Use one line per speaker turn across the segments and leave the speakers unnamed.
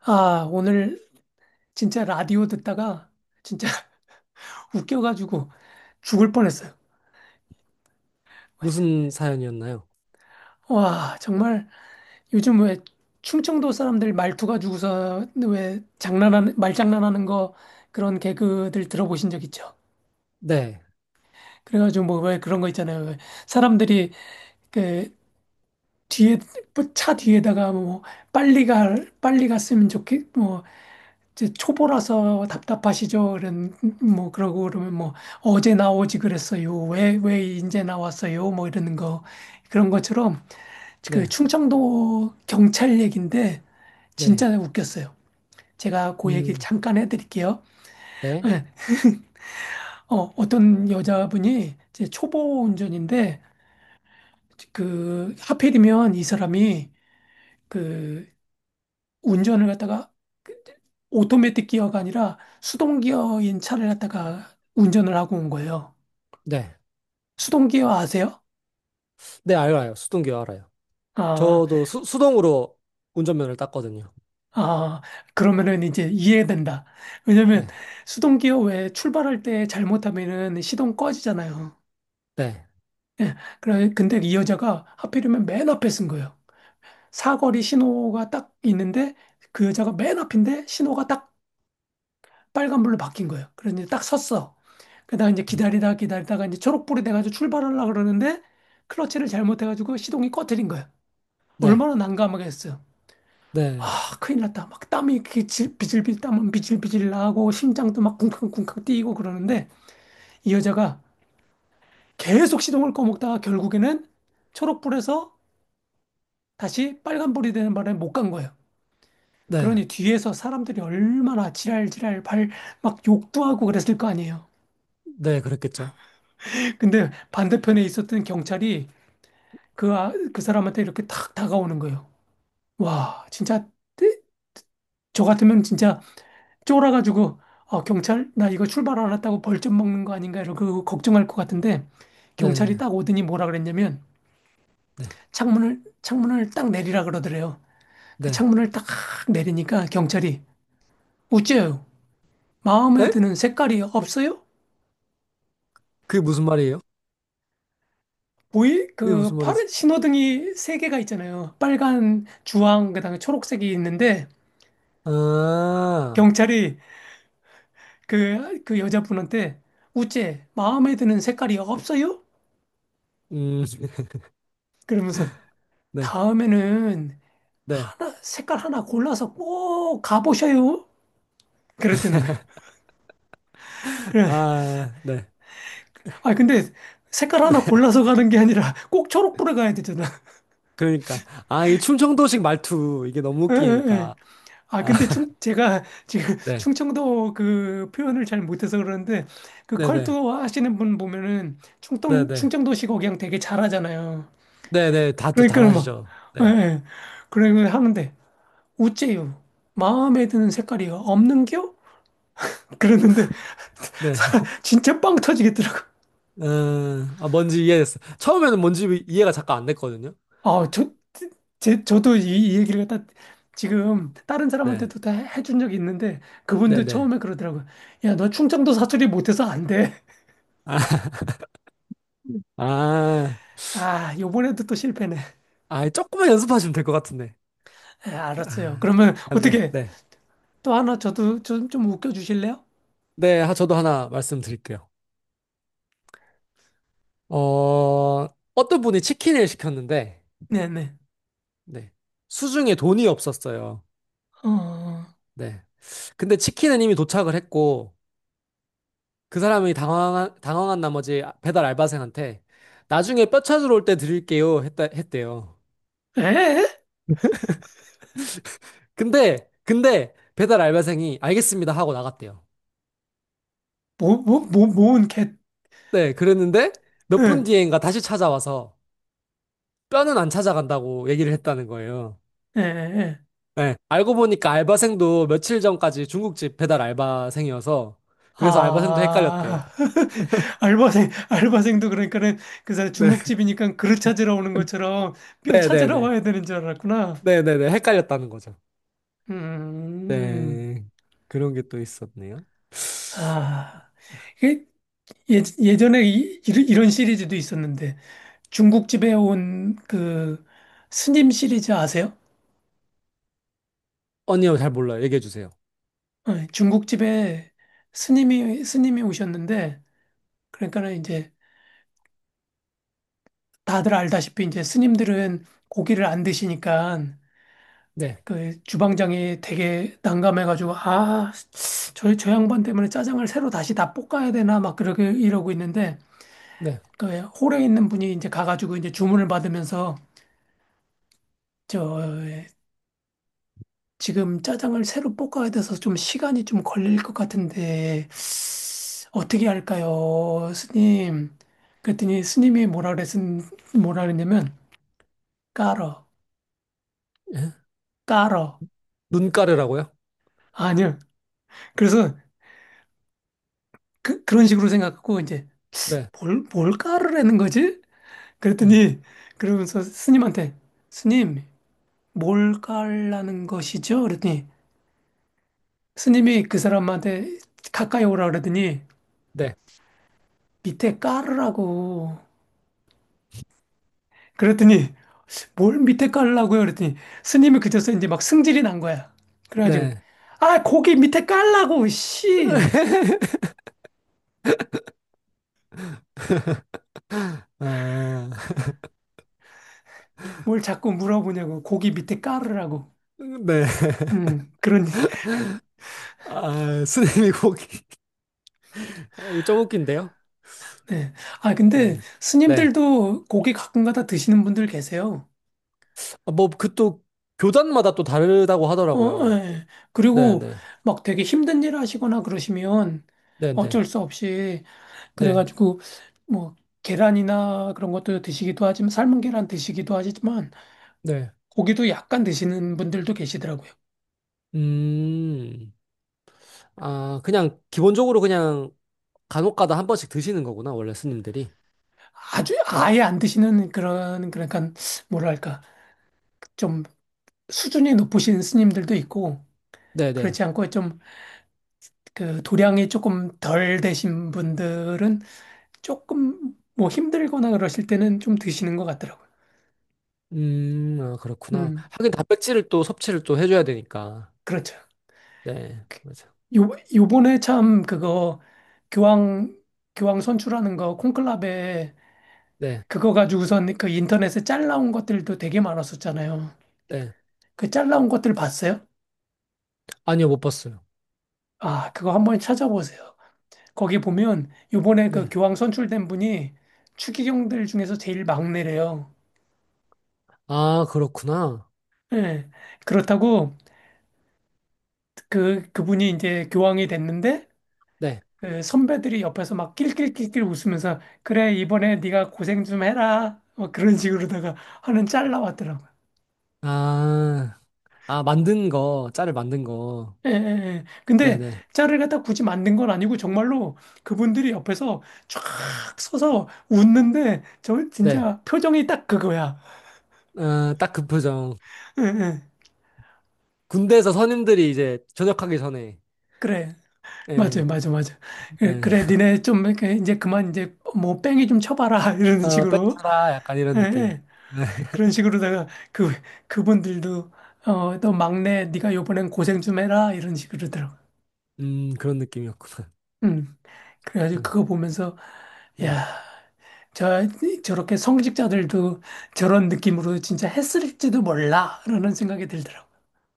아, 오늘 진짜 라디오 듣다가 진짜 웃겨가지고 죽을 뻔했어요.
무슨 사연이었나요?
와, 정말 요즘 왜 충청도 사람들 말투 가지고서 왜 장난하는, 말장난하는 거 그런 개그들 들어보신 적 있죠?
네,
그래가지고 뭐 왜 그런 거 있잖아요. 왜 사람들이 그 뒤에, 뭐차 뒤에다가 뭐 빨리 가, 빨리 갔으면 좋겠, 뭐 이제 초보라서 답답하시죠? 그런 뭐 그러고 그러면 뭐 어제 나오지 그랬어요. 왜 이제 나왔어요? 뭐 이러는 거 그런 것처럼 그
네,
충청도 경찰 얘기인데
네,
진짜 웃겼어요. 제가 그 얘기를
음,
잠깐 해드릴게요.
네,
예. 어떤 여자분이 이제 초보 운전인데 그 하필이면 이 사람이 그 운전을 갖다가 그- 오토매틱 기어가 아니라 수동 기어인 차를 갖다가 운전을 하고 온 거예요.
네,
수동 기어 아세요?
네, 알아요. 수동기어 알아요.
아,
저도 수동으로 운전면허를 땄거든요.
아, 그러면은 이제 이해된다. 왜냐면
네,
수동 기어 왜 출발할 때 잘못하면은 시동 꺼지잖아요.
네,
예. 그래, 근데 이 여자가 하필이면 맨 앞에 쓴 거예요. 사거리 신호가 딱 있는데 그 여자가 맨 앞인데 신호가 딱 빨간불로 바뀐 거예요. 그래서 이제 딱 섰어. 그러다가 이제
음,
기다리다 기다리다가 이제 초록불이 돼가지고 출발하려고 그러는데 클러치를 잘못해가지고 시동이 꺼트린 거예요.
네,
얼마나 난감하겠어요.
네,
아, 큰일 났다. 막 땀이 비질비질 땀은 비질비질 나고 심장도 막 쿵쾅쿵쾅 뛰고 그러는데 이 여자가 계속 시동을 꺼먹다가 결국에는 초록불에서 다시 빨간불이 되는 바람에 못 간 거예요.
네,
그러니 뒤에서 사람들이 얼마나 지랄지랄 발 막 욕도 하고 그랬을 거 아니에요.
네, 그랬겠죠.
근데 반대편에 있었던 경찰이 그 사람한테 이렇게 탁 다가오는 거예요. 와, 진짜, 떼- 저 같으면 진짜 쫄아가지고, 아, 경찰, 나 이거 출발 안 했다고 벌점 먹는 거 아닌가, 이러고 걱정할 것 같은데, 경찰이
네,
딱 오더니 뭐라 그랬냐면,
네,
창문을 딱 내리라 그러더래요. 그
네.
창문을 딱 내리니까 경찰이, 우째요, 마음에
에?
드는 색깔이 없어요?
그게 무슨 말이에요? 그게
그,
무슨 말이지?
파란 신호등이 세 개가 있잖아요. 빨간, 주황, 그다음에 초록색이 있는데,
아,
경찰이 그 여자분한테 우째 마음에 드는 색깔이 없어요?
음,
그러면서
네,
다음에는
네,
하나, 색깔 하나 골라서 꼭 가보셔요. 그랬다는 거야. 그래.
아, 네,
아, 근데 색깔
네.
하나 골라서 가는 게 아니라 꼭 초록불에 가야 되잖아.
그러니까, 아, 이 충청도식 말투 이게 너무
예, 예, 예.
웃기니까.
아,
아,
근데 충, 제가 지금
네,
충청도 그 표현을 잘 못해서 그러는데 그
네, 네.
컬투 하시는 분 보면은 충청,
네네.
충청도식 억양 되게 잘하잖아요.
네네. 다,
그러니까
잘
막,
하시죠.
예,
네.
예. 그러면 하는데. 우째요. 마음에 드는 색깔이 없는겨? 그러는데
네.
진짜 빵 터지겠더라고.
아, 뭔지 이해됐어. 처음에는 뭔지 이해가 잠깐 안 됐거든요.
아, 저, 저도 이, 이 얘기를 갖다 지금 다른
네.
사람한테도 다 해준 적이 있는데 그분도
네네.
처음에 그러더라고요. 야, 너 충청도 사투리 못해서 안 돼.
아, 아,
아, 요번에도 또 실패네.
아, 조금만 연습하시면 될 것 같은데.
예 알았어요.
아,
그러면
아, 네.
어떻게
네.
또 하나 저도 좀, 좀 웃겨 주실래요?
네. 아, 저도 하나 말씀드릴게요. 어, 어떤 분이 치킨을 시켰는데,
네네.
네. 수중에 돈이 없었어요.
어, 어.
네. 근데 치킨은 이미 도착을 했고, 그 사람이 당황한 나머지 배달 알바생한테 나중에 뼈 찾으러 올 때 드릴게요 했대요.
에?
근데 배달 알바생이 알겠습니다 하고 나갔대요.
뭐, 뭐, 뭐, 뭔 개,
네, 그랬는데 몇 분
예,
뒤엔가 다시 찾아와서 뼈는 안 찾아간다고 얘기를 했다는 거예요.
예, 예.
네, 알고 보니까 알바생도 며칠 전까지 중국집 배달 알바생이어서 그래서 알바생도 헷갈렸대요.
아, 알바생, 알바생도 그러니까는 그 사람
네,
중국집이니까 그릇 찾으러 오는 것처럼 뼈 찾으러
네네네.
와야 되는 줄 알았구나.
네네네. 헷갈렸다는 거죠.
음,
네, 그런 게 또 있었네요.
아, 이게 예, 예전에 이, 이런 이런 시리즈도 있었는데 중국집에 온 그 스님 시리즈 아세요?
아니요, 잘 몰라요. 얘기해 주세요.
중국집에 스님이 오셨는데 그러니까는 이제 다들 알다시피 이제 스님들은 고기를 안 드시니까
네,
그 주방장이 되게 난감해가지고 아, 저 양반 때문에 짜장을 새로 다시 다 볶아야 되나 막 그렇게 이러고 있는데
네.
그 홀에 있는 분이 이제 가가지고 이제 주문을 받으면서 저 지금 짜장을 새로 볶아야 돼서 좀 시간이 좀 걸릴 것 같은데 어떻게 할까요, 스님? 그랬더니 스님이 뭐라 그랬은 뭐라 그랬냐면 깔어,
예?
깔어.
눈가르라고요?
아니요. 그래서 그, 그런 식으로 생각하고 이제
네,
뭘, 뭘 깔으라는 거지?
음,
그랬더니 그러면서 스님한테 스님 뭘 깔라는 것이죠? 그랬더니 스님이 그 사람한테 가까이 오라 그러더니
네,
밑에 깔으라고 그랬더니 뭘 밑에 깔라고요? 그랬더니 스님이 그제서 이제 막 승질이 난 거야. 그래가지고
네.
아 고기 밑에 깔라고 씨
아,
뭘 자꾸 물어보냐고 고기 밑에 깔으라고.
네.
그런
아, 스님이 고기. 아, 이게 좀 웃긴데요?
네. 아 근데
네. 네.
스님들도 고기 가끔가다 드시는 분들 계세요.
아, 뭐, 그 또, 교단마다 또 다르다고
어,
하더라고요.
예.
네,
그리고
네.
막 되게 힘든 일 하시거나 그러시면
네, 네.
어쩔 수 없이
네,
그래가지고 뭐 계란이나 그런 것도 드시기도 하지만 삶은 계란 드시기도 하지만
네.
고기도 약간 드시는 분들도 계시더라고요.
음, 아, 그냥, 기본적으로 그냥, 간혹 가다 한 번씩 드시는 거구나, 원래 스님들이.
아주 아예 안 드시는 그런 그러니까 뭐랄까 좀 수준이 높으신 스님들도 있고
네, 네.
그렇지 않고 좀 그 도량이 조금 덜 되신 분들은 조금 뭐 힘들거나 그러실 때는 좀 드시는 것 같더라고요.
아, 그렇구나.
음.
하긴 단백질을 또 섭취를 또 해줘야 되니까.
그렇죠.
네, 맞아.
요, 요번에 참 그거 교황, 교황 선출하는 거 콘클라베
네,
그거 가지고선 그 인터넷에 짤 나온 것들도 되게 많았었잖아요.
네.
그 짤 나온 것들 봤어요?
아니요, 못 봤어요.
아, 그거 한번 찾아보세요. 거기 보면 요번에 그
네.
교황 선출된 분이 추기경들 중에서 제일 막내래요.
아, 그렇구나.
예. 그렇다고 그분이 이제 교황이 됐는데
네.
그 선배들이 옆에서 막 낄낄낄낄 웃으면서 그래 이번에 네가 고생 좀 해라 뭐 그런 식으로다가 하는 짤 나왔더라고요.
아, 아, 만든 거, 짤을 만든 거.
예, 예, 예. 근데
네네.
짤을 갖다 굳이 만든 건 아니고 정말로 그분들이 옆에서 쫙 서서 웃는데 저
네.
진짜 표정이 딱 그거야.
네. 아, 딱 그 표정.
예, 예.
군대에서 선임들이 이제 전역하기 전에.
그래.
네,
맞아요, 맞아, 맞아. 예,
네.
그래, 니네 좀 이렇게 이제 그만 이제 뭐 뺑이 좀 쳐봐라 이런
아,
식으로.
뺑쳐라. 약간 이런
예,
느낌.
예.
네.
그런 식으로다가 그 그분들도 어 너 막내 네가 요번엔 고생 좀 해라 이런 식으로더라고.
그런 느낌이었구나.
음. 그래가지고
음,
그거 보면서
네.
야, 저 저렇게 성직자들도 저런 느낌으로 진짜 했을지도 몰라라는 생각이 들더라고.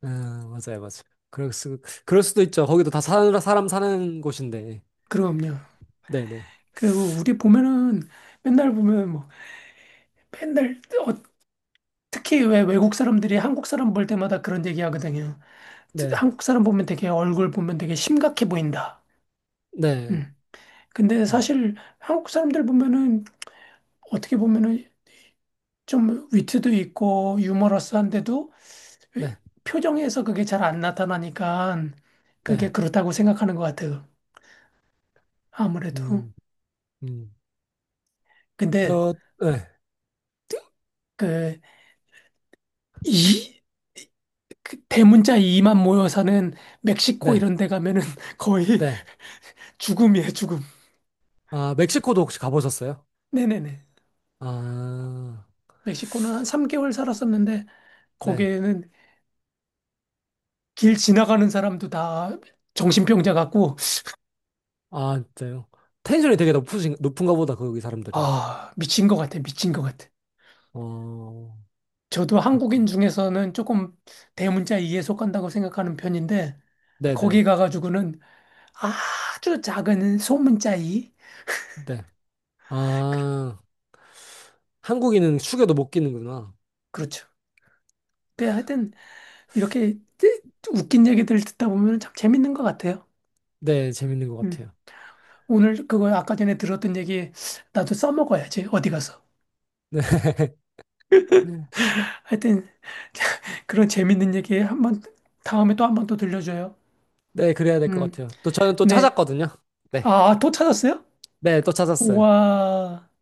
아, 맞아요, 맞아요. 그럴 수, 그럴 수도 있죠. 거기도 다 사람 사는 곳인데.
그럼요.
네네.
그리고 우리 보면은 맨날 보면 뭐 맨날 어, 특히 왜 외국 사람들이 한국 사람 볼 때마다 그런 얘기 하거든요.
네.
한국 사람 보면 되게 얼굴 보면 되게 심각해 보인다.
네.
음. 근데
음,
사실 한국 사람들 보면은 어떻게 보면은 좀 위트도 있고 유머러스한데도 왜-
네.
표정에서 그게 잘 안 나타나니까
네.
그게 그렇다고 생각하는 것 같아요. 아무래도.
음. 음.
근데
저 네.
그 이, 그 대문자 이만 모여사는 멕시코
네.
이런 데 가면은 거의
네.
죽음이에요, 죽음.
아, 멕시코도 혹시 가보셨어요?
네네네.
아.
멕시코는 한 3개월 살았었는데
네.
거기에는 길 지나가는 사람도 다 정신병자 같고
아, 진짜요? 텐션이 되게 높으신 높은가 보다 거기 사람들은.
아, 미친 것 같아, 미친 것 같아.
어.
저도 한국인
그렇구나.
중에서는 조금 대문자 2에 속한다고 생각하는 편인데
네네. 네.
거기 가가지고는 아주 작은 소문자 2
네. 아, 한국인은 숙여도 못 끼는구나.
그렇죠. 근데 하여튼 이렇게 웃긴 얘기들 듣다 보면 참 재밌는 것 같아요.
네, 재밌는 것
음.
같아요.
오늘 그거 아까 전에 들었던 얘기 나도 써먹어야지 어디 가서.
네.
하여튼 그런 재밌는 얘기 한번 다음에 또 한번 또 들려줘요.
네, 그래야 될 것
음.
같아요. 또 저는 또
네.
찾았거든요. 네.
아, 또 찾았어요?
네, 또 찾았어요.
우와.